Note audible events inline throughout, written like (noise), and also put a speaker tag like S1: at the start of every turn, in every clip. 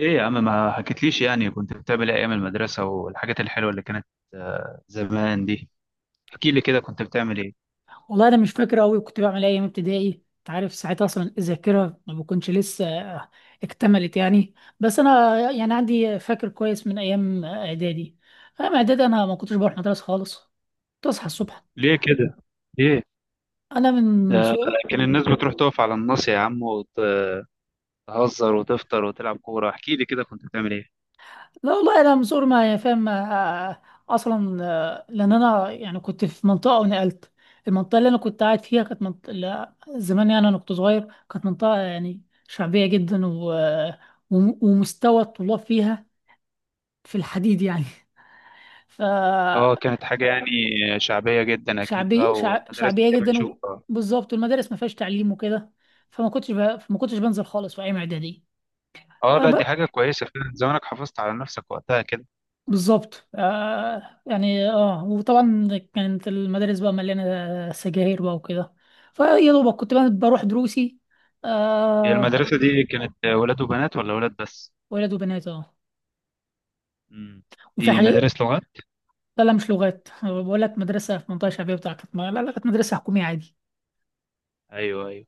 S1: ايه يا عم، ما حكيتليش يعني كنت بتعمل ايه ايام المدرسة والحاجات الحلوة اللي كانت. زمان دي. احكي لي كده كنت بتعمل ايه؟
S2: والله انا مش فاكر قوي كنت بعمل ايه ايام ابتدائي. انت عارف ساعتها اصلا الذاكره ما بكونش لسه اكتملت يعني. بس انا يعني عندي فاكر كويس من ايام اعدادي. ايام اعدادي انا ما كنتش بروح مدرسه خالص. كنت اصحى الصبح.
S1: ليه كده؟ ليه؟
S2: انا من
S1: ده
S2: صغر.
S1: كان الناس بتروح تقف على الناصية يا عم، وتهزر وتفطر وتلعب كورة. احكي لي كده كنت بتعمل ايه؟
S2: لا والله، انا من صغر ما يعني فاهم. اصلا، لان انا يعني كنت في منطقه ونقلت. المنطقه اللي انا كنت قاعد فيها كانت منطقه، لا، زمان يعني انا كنت صغير كانت منطقه يعني شعبيه جدا ومستوى الطلاب فيها في الحديد يعني.
S1: اه
S2: (laughs)
S1: كانت حاجة يعني شعبية جدا اكيد بقى، ومدرسة
S2: شعبيه
S1: دي
S2: جدا،
S1: بنشوفها.
S2: وبالظبط المدارس ما فيهاش تعليم وكده. فما كنتش بنزل خالص في ايام اعدادي.
S1: اه
S2: آه
S1: لا دي
S2: ب...
S1: حاجة كويسة فعلا، زمانك حافظت على نفسك وقتها كده.
S2: بالظبط. وطبعا كانت المدارس بقى مليانه سجاير بقى وكده، فيا دوبك كنت بقى بروح دروسي.
S1: هي
S2: آه.
S1: المدرسة دي كانت ولاد وبنات ولا ولاد بس؟
S2: ولاد وبنات، اه.
S1: امم،
S2: وفي
S1: دي
S2: حاجات.
S1: مدارس لغات؟
S2: لا لا مش لغات، أنا بقول لك مدرسه في منطقه شعبيه بتاعتك. لا لا كانت مدرسه حكوميه عادي.
S1: ايوه ايوه.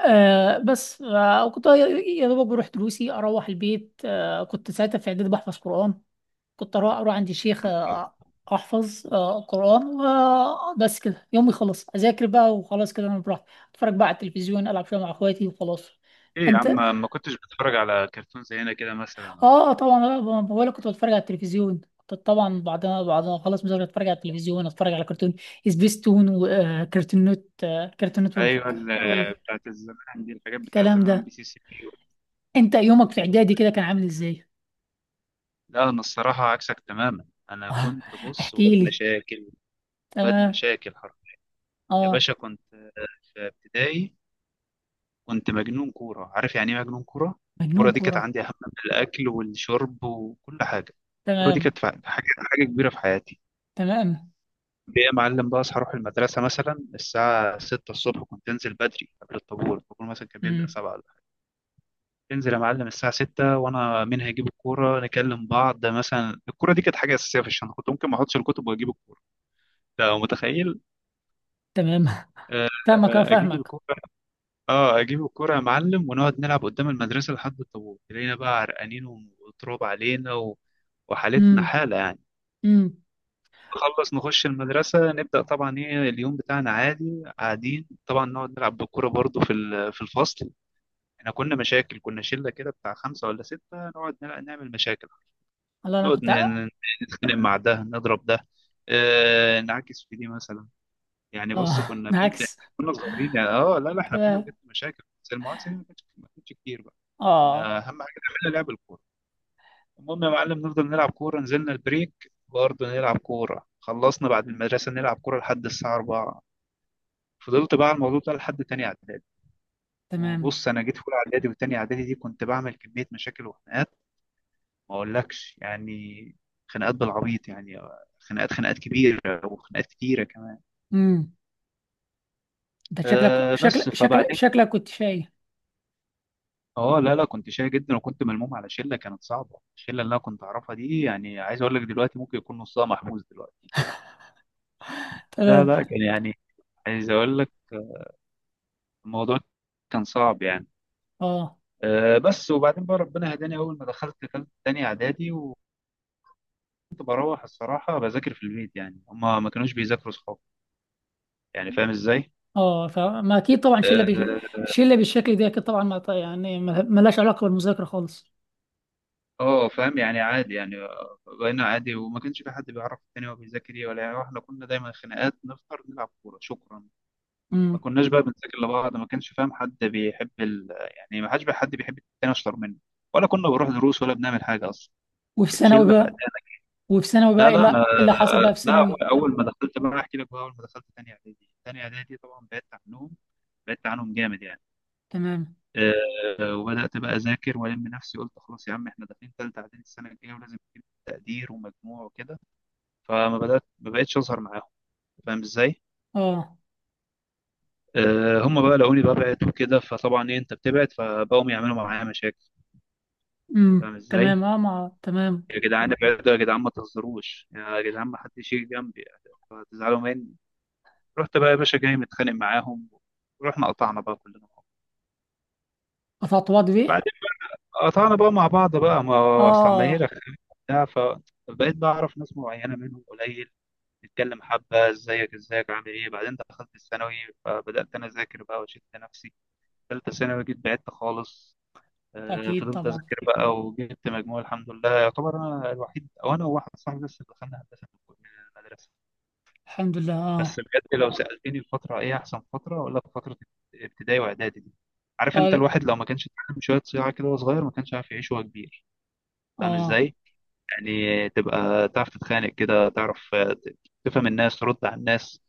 S2: آه بس، آه كنت يا دوبك بروح دروسي، اروح البيت. كنت ساعتها في اعدادي بحفظ قرآن. كنت اروح عند الشيخ. احفظ قرآن. وبس كده يومي يخلص اذاكر بقى، وخلاص كده انا براحتي اتفرج بقى على التلفزيون، العب شويه مع اخواتي وخلاص.
S1: ايه يا عم،
S2: انت.
S1: ما كنتش بتفرج على كرتون زي هنا كده مثلا ولا ايه؟
S2: اه طبعا، بقول كنت بتفرج على التلفزيون. كنت طبعا بعدها خلاص مذاكره اتفرج على التلفزيون، اتفرج على كرتون سبيستون وكرتون نت، كرتون
S1: ايوه،
S2: نتورك
S1: بتاعت الزمان دي، الحاجات بتاعت
S2: والكلام
S1: زمان ام
S2: ده.
S1: بي سي سي بي
S2: انت يومك في
S1: وسبيستون.
S2: اعدادي كده كان عامل ازاي؟
S1: لا انا الصراحه عكسك تماما، انا
S2: آه.
S1: كنت بص واد
S2: احكي لي.
S1: مشاكل. واد
S2: تمام.
S1: مشاكل حرفيا. يا
S2: اه.
S1: باشا، كنت في ابتدائي كنت مجنون كوره. عارف يعني ايه مجنون كوره؟ الكوره
S2: مجنون
S1: دي كانت
S2: كورة.
S1: عندي اهم من الاكل والشرب وكل حاجه. الكوره دي
S2: تمام.
S1: كانت حاجه كبيره في حياتي.
S2: تمام.
S1: بقى يا معلم، بقى اصحى اروح المدرسه مثلا الساعه 6 الصبح، كنت انزل بدري قبل الطابور. الطابور مثلا كان بيبدا
S2: امم.
S1: 7. انزل يا معلم الساعة 6 وانا منها اجيب الكورة نكلم بعض. ده مثلا الكورة دي كانت حاجة أساسية في الشنطة، كنت ممكن ما احطش الكتب واجيب الكورة. ده متخيل؟
S2: تمام. (laughs)
S1: آه،
S2: فاهمك، اه
S1: آه، اجيب
S2: فاهمك.
S1: الكورة. اه اجيب الكورة يا معلم، ونقعد نلعب قدام المدرسة لحد الطابور. تلاقينا بقى عرقانين وتراب علينا وحالتنا
S2: امم.
S1: حالة يعني.
S2: امم.
S1: نخلص نخش المدرسة نبدأ طبعا، ايه، اليوم بتاعنا عادي. قاعدين طبعا نقعد نلعب بالكورة برضو في في الفصل. احنا كنا مشاكل، كنا شلة كده بتاع خمسة ولا ستة، نقعد نعمل مشاكل.
S2: الله، انا
S1: نقعد
S2: كنت.
S1: ن- نتخانق مع ده، نضرب ده، نعكس في دي مثلا. يعني بص
S2: اه
S1: كنا بجد
S2: بالعكس.
S1: كنا صغيرين يعني، اه لا لا
S2: (laughs)
S1: احنا كنا
S2: تمام.
S1: بجد مشاكل، بس المعاكسه دي ما كانتش كتير بقى.
S2: اه.
S1: كنا اهم حاجه نعملها لعب الكوره. المهم يا معلم نفضل نلعب كوره، نزلنا البريك برضه نلعب كوره، خلصنا بعد المدرسه نلعب كوره لحد الساعه 4. فضلت بقى على الموضوع ده لحد تاني اعدادي.
S2: تمام.
S1: وبص انا جيت في اولى اعدادي وتاني اعدادي دي، كنت بعمل كميه مشاكل وخناقات ما اقولكش يعني. خناقات بالعبيط يعني، خناقات كبيره، وخناقات كتيره كمان.
S2: امم. انت شكلك
S1: أه
S2: شكلك
S1: بس
S2: شكلك
S1: فبعدين.
S2: شكلك كنت شايف.
S1: اه لا لا كنت شاي جدا، وكنت ملموم على شله كانت صعبه. الشله اللي انا كنت اعرفها دي، يعني عايز اقول لك دلوقتي ممكن يكون نصها محبوس دلوقتي. لا
S2: تمام.
S1: لا كان يعني، عايز اقول لك الموضوع كان صعب يعني.
S2: اه.
S1: أه بس وبعدين بقى ربنا هداني اول ما دخلت تاني اعدادي، وكنت بروح الصراحه بذاكر في البيت، يعني هما ما كانوش بيذاكروا صحابي. يعني فاهم ازاي؟
S2: اه فما اكيد طبعا
S1: آه،
S2: شله بالشكل ده اكيد طبعا، ما ط- يعني ما ما لهاش علاقه بالمذاكره خالص.
S1: اه فاهم يعني، عادي يعني. بقينا عادي، وما كانش في حد بيعرف التاني هو بيذاكر ايه ولا يعني. احنا كنا دايما خناقات، نفطر، نلعب كوره، شكرا.
S2: امم.
S1: ما كناش بقى بنذاكر لبعض، ما كانش فاهم حد بيحب يعني ما حدش بقى، حد بيحب التاني اشطر منه ولا كنا بنروح دروس ولا بنعمل حاجه اصلا.
S2: وفي
S1: كانت
S2: ثانوي
S1: شله فقدانك.
S2: بقى. وفي ثانوي بقى،
S1: لا
S2: إيه،
S1: لا
S2: لا،
S1: انا،
S2: إيه اللي حصل بقى في
S1: لا،
S2: ثانوي؟
S1: اول ما دخلت بقى احكي لك، بقى اول ما دخلت تاني اعدادي، تاني اعدادي طبعا بعدت عنهم، بعدت عنهم جامد يعني.
S2: تمام.
S1: وبدأت بقى أذاكر وألم نفسي، قلت خلاص يا عم إحنا داخلين تالتة إعدادي السنة الجاية ولازم نجيب تقدير ومجموع وكده. فما بدأت، ما بقتش أظهر معاهم. فاهم إزاي؟
S2: اه.
S1: هم بقى لقوني ببعد وكده، فطبعا إيه، أنت بتبعد، فبقوا يعملوا معايا مشاكل. أنت فاهم إزاي؟
S2: تمام، اه مع تمام.
S1: يا جدعان ابعدوا، يا جدعان ما تهزروش، يا جدعان ما حدش يجي جنبي فهتزعلوا مني. رحت بقى يا باشا جاي متخانق معاهم، ورحنا قطعنا بقى كلنا مع
S2: افطوات بيه.
S1: بعض. قطعنا بقى مع بعض بقى، ما هو اصل عمالين
S2: اه.
S1: رخامين وبتاع. فبقيت بعرف ناس معينه منهم قليل، نتكلم حبه ازيك، ازيك، عامل ايه. بعدين دخلت الثانوي فبدات انا اذاكر بقى وشدت نفسي. ثالثه ثانوي جيت بعدت خالص.
S2: اكيد
S1: فضلت
S2: طبعا.
S1: اذاكر بقى وجبت مجموع الحمد لله، يعتبر انا الوحيد او انا وواحد صاحبي بس اللي دخلنا هندسه من المدرسه.
S2: الحمد لله،
S1: بس
S2: اه.
S1: بجد لو سالتني الفتره، ايه احسن فتره، اقول لك فتره ابتدائي واعدادي دي. عارف انت،
S2: اه.
S1: الواحد لو ما كانش اتعلم شويه صياعه كده وهو صغير، ما كانش عارف يعيش وهو كبير. فاهم
S2: اه.
S1: ازاي؟ يعني تبقى تعرف تتخانق كده، تعرف تفهم الناس، ترد على الناس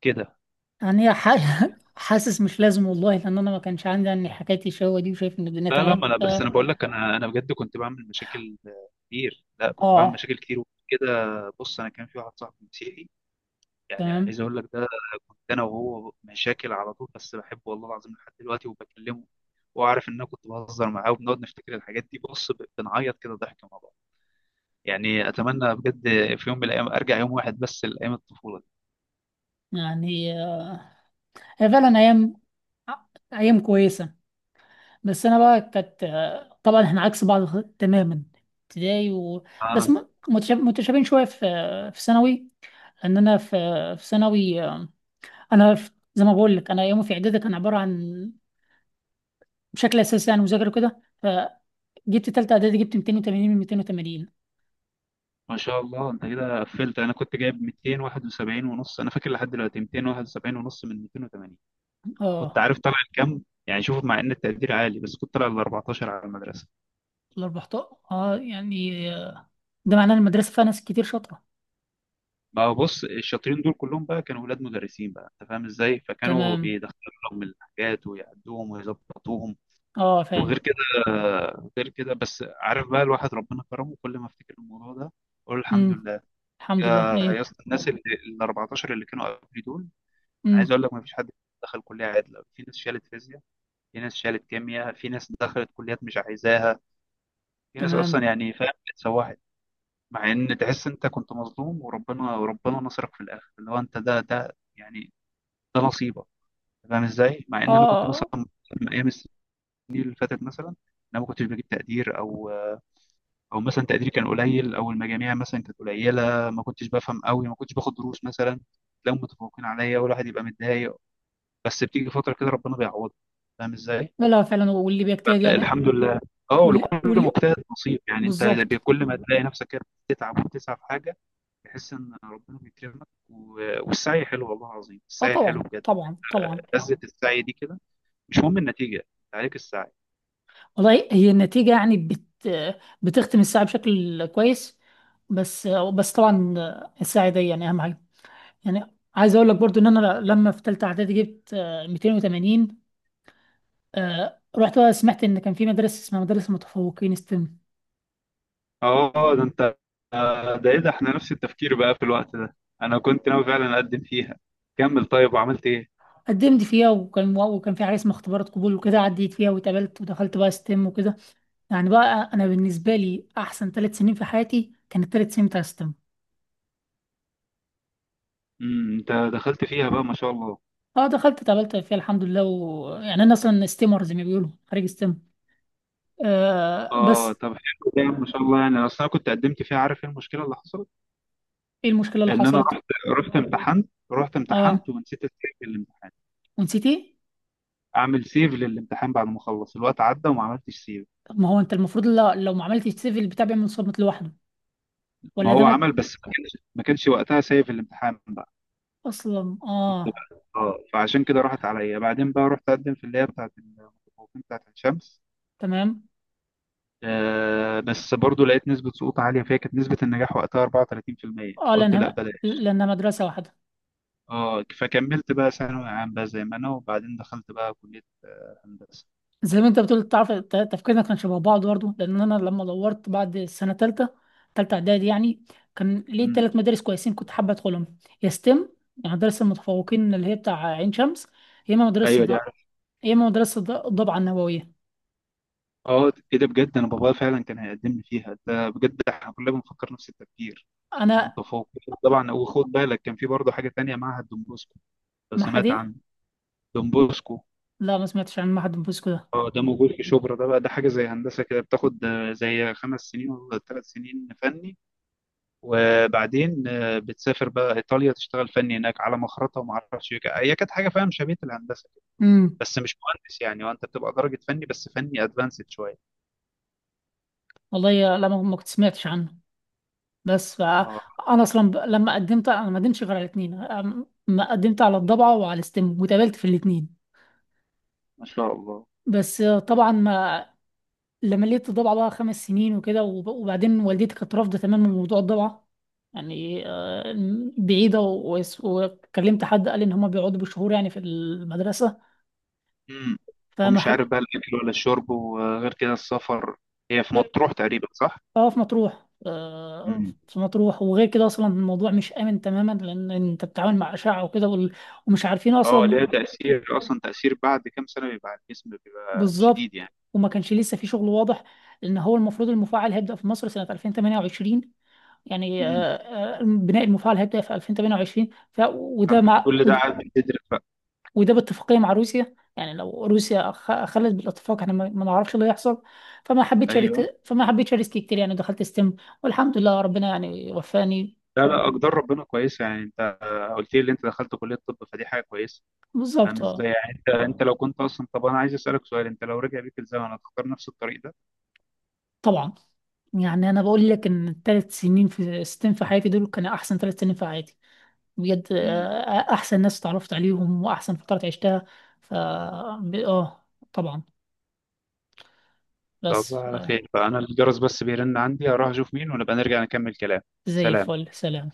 S1: كده.
S2: يعني ح... (laughs) حاسس مش لازم والله، لان انا ما كانش عندي يعني حكايه الشهوه دي، وشايف ان الدنيا
S1: لا لا
S2: تمام،
S1: ما انا
S2: ف
S1: بس انا بقول لك، انا بجد كنت بعمل مشاكل كتير. لا كنت بعمل
S2: آه.
S1: مشاكل كتير وكده. بص انا كان في واحد صاحبي مسيحي، يعني
S2: تمام.
S1: عايز اقول لك ده، كنت انا وهو مشاكل على طول. بس بحبه والله العظيم لحد دلوقتي وبكلمه، وعارف ان انا كنت بهزر معاه، وبنقعد نفتكر الحاجات دي بص، بنعيط كده ضحك مع بعض. يعني اتمنى بجد في يوم من الايام ارجع يوم واحد بس لايام الطفوله
S2: يعني آه. هي فعلا ايام، ايام كويسه. بس انا بقى كانت، طبعا احنا عكس بعض تماما. ابتدائي. و...
S1: دي.
S2: متشابهين شويه في في ثانوي. لان انا في في ثانوي، انا زي ما بقول لك انا يومي في اعدادي كان عباره عن، بشكل اساسي يعني مذاكره كده، فجبت تالتة اعدادي، جبت 280 من 280.
S1: ما شاء الله انت كده قفلت. انا كنت جايب 271 ونص، انا فاكر لحد دلوقتي، 271 ونص من 280. كنت
S2: اه
S1: عارف طالع لكام يعني؟ شوف، مع ان التقدير عالي بس كنت طالع ل 14 على المدرسه.
S2: ال 14. اه يعني، ده معناه إن المدرسه فيها ناس كتير شاطره.
S1: ما هو بص، الشاطرين دول كلهم بقى كانوا ولاد مدرسين بقى، انت فاهم ازاي، فكانوا
S2: تمام
S1: بيدخلوا لهم الحاجات ويعدوهم ويظبطوهم.
S2: اه فاهم.
S1: وغير كده، غير كده، بس عارف بقى الواحد ربنا كرمه، كل ما افتكر الموضوع ده اقول الحمد
S2: امم.
S1: لله.
S2: الحمد
S1: يا
S2: لله
S1: يا
S2: ايوه.
S1: اسطى، الناس اللي ال 14 اللي كانوا قبلي دول، انا عايز
S2: امم.
S1: اقول لك ما فيش حد دخل كليه عدله. في ناس شالت فيزياء، في ناس شالت كيمياء، في ناس دخلت كليات مش عايزاها، في ناس اصلا
S2: تمام.
S1: يعني فاهم اتسوحت. مع ان تحس انت كنت مظلوم، وربنا نصرك في الاخر، اللي هو انت ده، ده يعني ده نصيبك. فاهم ازاي؟ مع ان انا كنت
S2: اه
S1: مثلا من ايام السنين اللي فاتت مثلا، انا ما كنتش بجيب تقدير او او مثلا تقديري كان قليل، او المجاميع مثلا كانت قليله، ما كنتش بفهم قوي، ما كنتش باخد دروس مثلا، تلاقيهم متفوقين عليا والواحد يبقى متضايق. بس بتيجي فتره كده ربنا بيعوضك. فاهم ازاي؟
S2: لا لا فعلا، واللي بيجتهد يعني.
S1: الحمد لله. اه،
S2: واللي
S1: ولكل
S2: واللي
S1: مجتهد نصيب يعني. انت
S2: بالظبط.
S1: كل ما تلاقي نفسك كده بتتعب وبتسعى في حاجه، تحس ان ربنا بيكرمك والسعي حلو، والله العظيم
S2: اه
S1: السعي حلو
S2: طبعا
S1: بجد.
S2: طبعا طبعا.
S1: لذة السعي دي كده، مش مهم النتيجه، انت عليك السعي.
S2: والله هي النتيجة، يعني بت بتختم الساعة بشكل كويس، بس بس طبعا الساعة دي يعني أهم حاجة. يعني عايز أقول لك برضو إن أنا لما في تالتة إعدادي جبت، 280. رحت بقى سمعت إن كان في مدرسة اسمها مدرسة متفوقين ستيم.
S1: اه ده انت. ده ايه ده، احنا نفس التفكير بقى في الوقت ده. انا كنت ناوي فعلا اقدم فيها. كمل طيب، وعملت ايه؟
S2: قدمت فيها، وكان في حاجة اسمها اختبارات قبول وكده، عديت فيها واتقبلت ودخلت بقى ستيم وكده. يعني بقى انا بالنسبه لي احسن ثلاث سنين في حياتي كانت الثلاث سنين بتاع ستيم.
S1: امم، انت دخلت فيها بقى ما شاء الله.
S2: اه دخلت اتقابلت فيها الحمد لله، ويعني انا اصلا ستيمر زي ما بيقولوا، خريج ستيم. آه
S1: اه
S2: بس.
S1: طب حلو ده ما شاء الله. يعني اصل انا كنت قدمت فيها. عارف ايه المشكله اللي حصلت؟
S2: ايه المشكله اللي
S1: ان انا
S2: حصلت؟
S1: رحت، رحت امتحنت، رحت
S2: اه
S1: امتحنت، ونسيت السيف للامتحان.
S2: ونسيت ايه؟
S1: اعمل سيف للامتحان بعد ما اخلص، الوقت عدى وما عملتش سيف.
S2: طب ما هو انت المفروض، لا، لو ما عملتش سيف البتاع بيعمل صامت لوحده.
S1: ما
S2: ولا ده
S1: هو عمل، بس ما كانش وقتها سيف الامتحان بقى.
S2: اصلا؟
S1: شفت
S2: اه.
S1: بقى؟ اه، فعشان كده راحت عليا. بعدين بقى رحت اقدم في اللي هي بتاعت المتفوقين بتاعت الشمس.
S2: تمام.
S1: آه بس برضو لقيت نسبة سقوط عالية فيها، كانت نسبة النجاح وقتها 34%.
S2: اه
S1: قلت لا
S2: لانها
S1: بلاش.
S2: لانها مدرسه واحده.
S1: اه، فكملت بقى ثانوي عام بقى زي ما انا، وبعدين دخلت بقى كلية هندسة.
S2: زي ما انت بتقول، تعرف تفكيرنا كان شبه بعض برضه. لان انا لما دورت بعد السنه ثالثه، ثالثه اعدادي يعني، كان ليه
S1: امم،
S2: ثلاث مدارس كويسين كنت حابه ادخلهم. يا ستيم، يعني مدرسه المتفوقين اللي هي بتاع عين شمس، يا اما مدرسه
S1: ايوه دي
S2: ض-
S1: عارف.
S2: يا اما مدرسه ضبعه النوويه.
S1: اه ايه ده بجد، انا بابايا فعلا كان هيقدم لي فيها، ده بجد احنا كلنا بنفكر نفس التفكير.
S2: انا
S1: المتفوق طبعا. وخد بالك كان في برضه حاجة تانية، معهد دون بوسكو، لو
S2: ما.
S1: سمعت عنه. دون بوسكو.
S2: لا ما سمعتش عن معهد بوسكو ده.
S1: اه ده موجود في شبرا. ده بقى ده حاجة زي هندسة كده، بتاخد زي خمس سنين ولا ثلاث سنين فني، وبعدين بتسافر بقى ايطاليا تشتغل فني هناك على مخرطة وما اعرفش إيه. هي كانت حاجة فاهم شبيهة الهندسة،
S2: امم.
S1: بس مش مهندس يعني. وانت بتبقى درجة فني، بس فني ادفانسد شوية.
S2: والله لا ما ما كنت سمعتش عنه، بس ف-
S1: اه
S2: انا اصلا لما قدمت انا ما قدمتش غير على الاثنين، ما قدمت على الضبعه وعلى الستم واتقابلت في الاثنين.
S1: ما شاء الله.
S2: بس طبعا ما. لما لقيت الضبعه بقى خمس سنين وكده وبعدين والدتي كانت رافضه تماما موضوع الضبعه. يعني بعيده وكلمت حد قال ان هم بيقعدوا بشهور يعني في المدرسه.
S1: امم،
S2: فما
S1: ومش
S2: حب...
S1: عارف بقى الاكل ولا الشرب، وغير كده السفر. هي في مطروح تقريبا صح؟
S2: اه في مطروح،
S1: امم.
S2: في مطروح. وغير كده اصلا الموضوع مش امن تماما، لان انت بتتعامل مع اشعه وكده ومش عارفين
S1: اه
S2: اصلا.
S1: ليها تأثير، اصلا تأثير بعد كام سنة بيبقى على الجسم بيبقى شديد
S2: بالظبط،
S1: يعني.
S2: وما كانش لسه في شغل واضح. لان هو المفروض المفاعل هيبدا في مصر سنه 2028. يعني،
S1: امم،
S2: بناء المفاعل هيبدا في 2028. ف وده
S1: فانت
S2: مع
S1: كل ده قاعد بتدرس بقى؟
S2: وده باتفاقيه مع روسيا. يعني لو روسيا خلت بالاتفاق، احنا ما ما نعرفش اللي هيحصل.
S1: ايوه.
S2: فما حبيتش اريسك كتير، يعني دخلت ستيم والحمد لله ربنا يعني وفاني.
S1: لا لا اقدار ربنا كويسه يعني. انت قلت لي ان انت دخلت كليه الطب، فدي حاجه كويسه. فاهم
S2: بالظبط
S1: ازاي؟
S2: اه
S1: يعني انت، انت لو كنت اصلا طب، انا عايز اسالك سؤال، انت لو رجع بيك الزمن هتختار نفس الطريق ده؟
S2: طبعا. يعني انا بقول لك ان الثلاث سنين في ستين في حياتي دول كانوا احسن ثلاث سنين في حياتي بجد.
S1: مم.
S2: احسن ناس اتعرفت عليهم واحسن فترات عشتها. ف ب- اه طبعا،
S1: طب
S2: بس
S1: على خير، فأنا الجرس بس بيرن عندي، هروح أشوف مين، ونبقى نرجع نكمل كلام.
S2: زي
S1: سلام.
S2: الفل. سلام.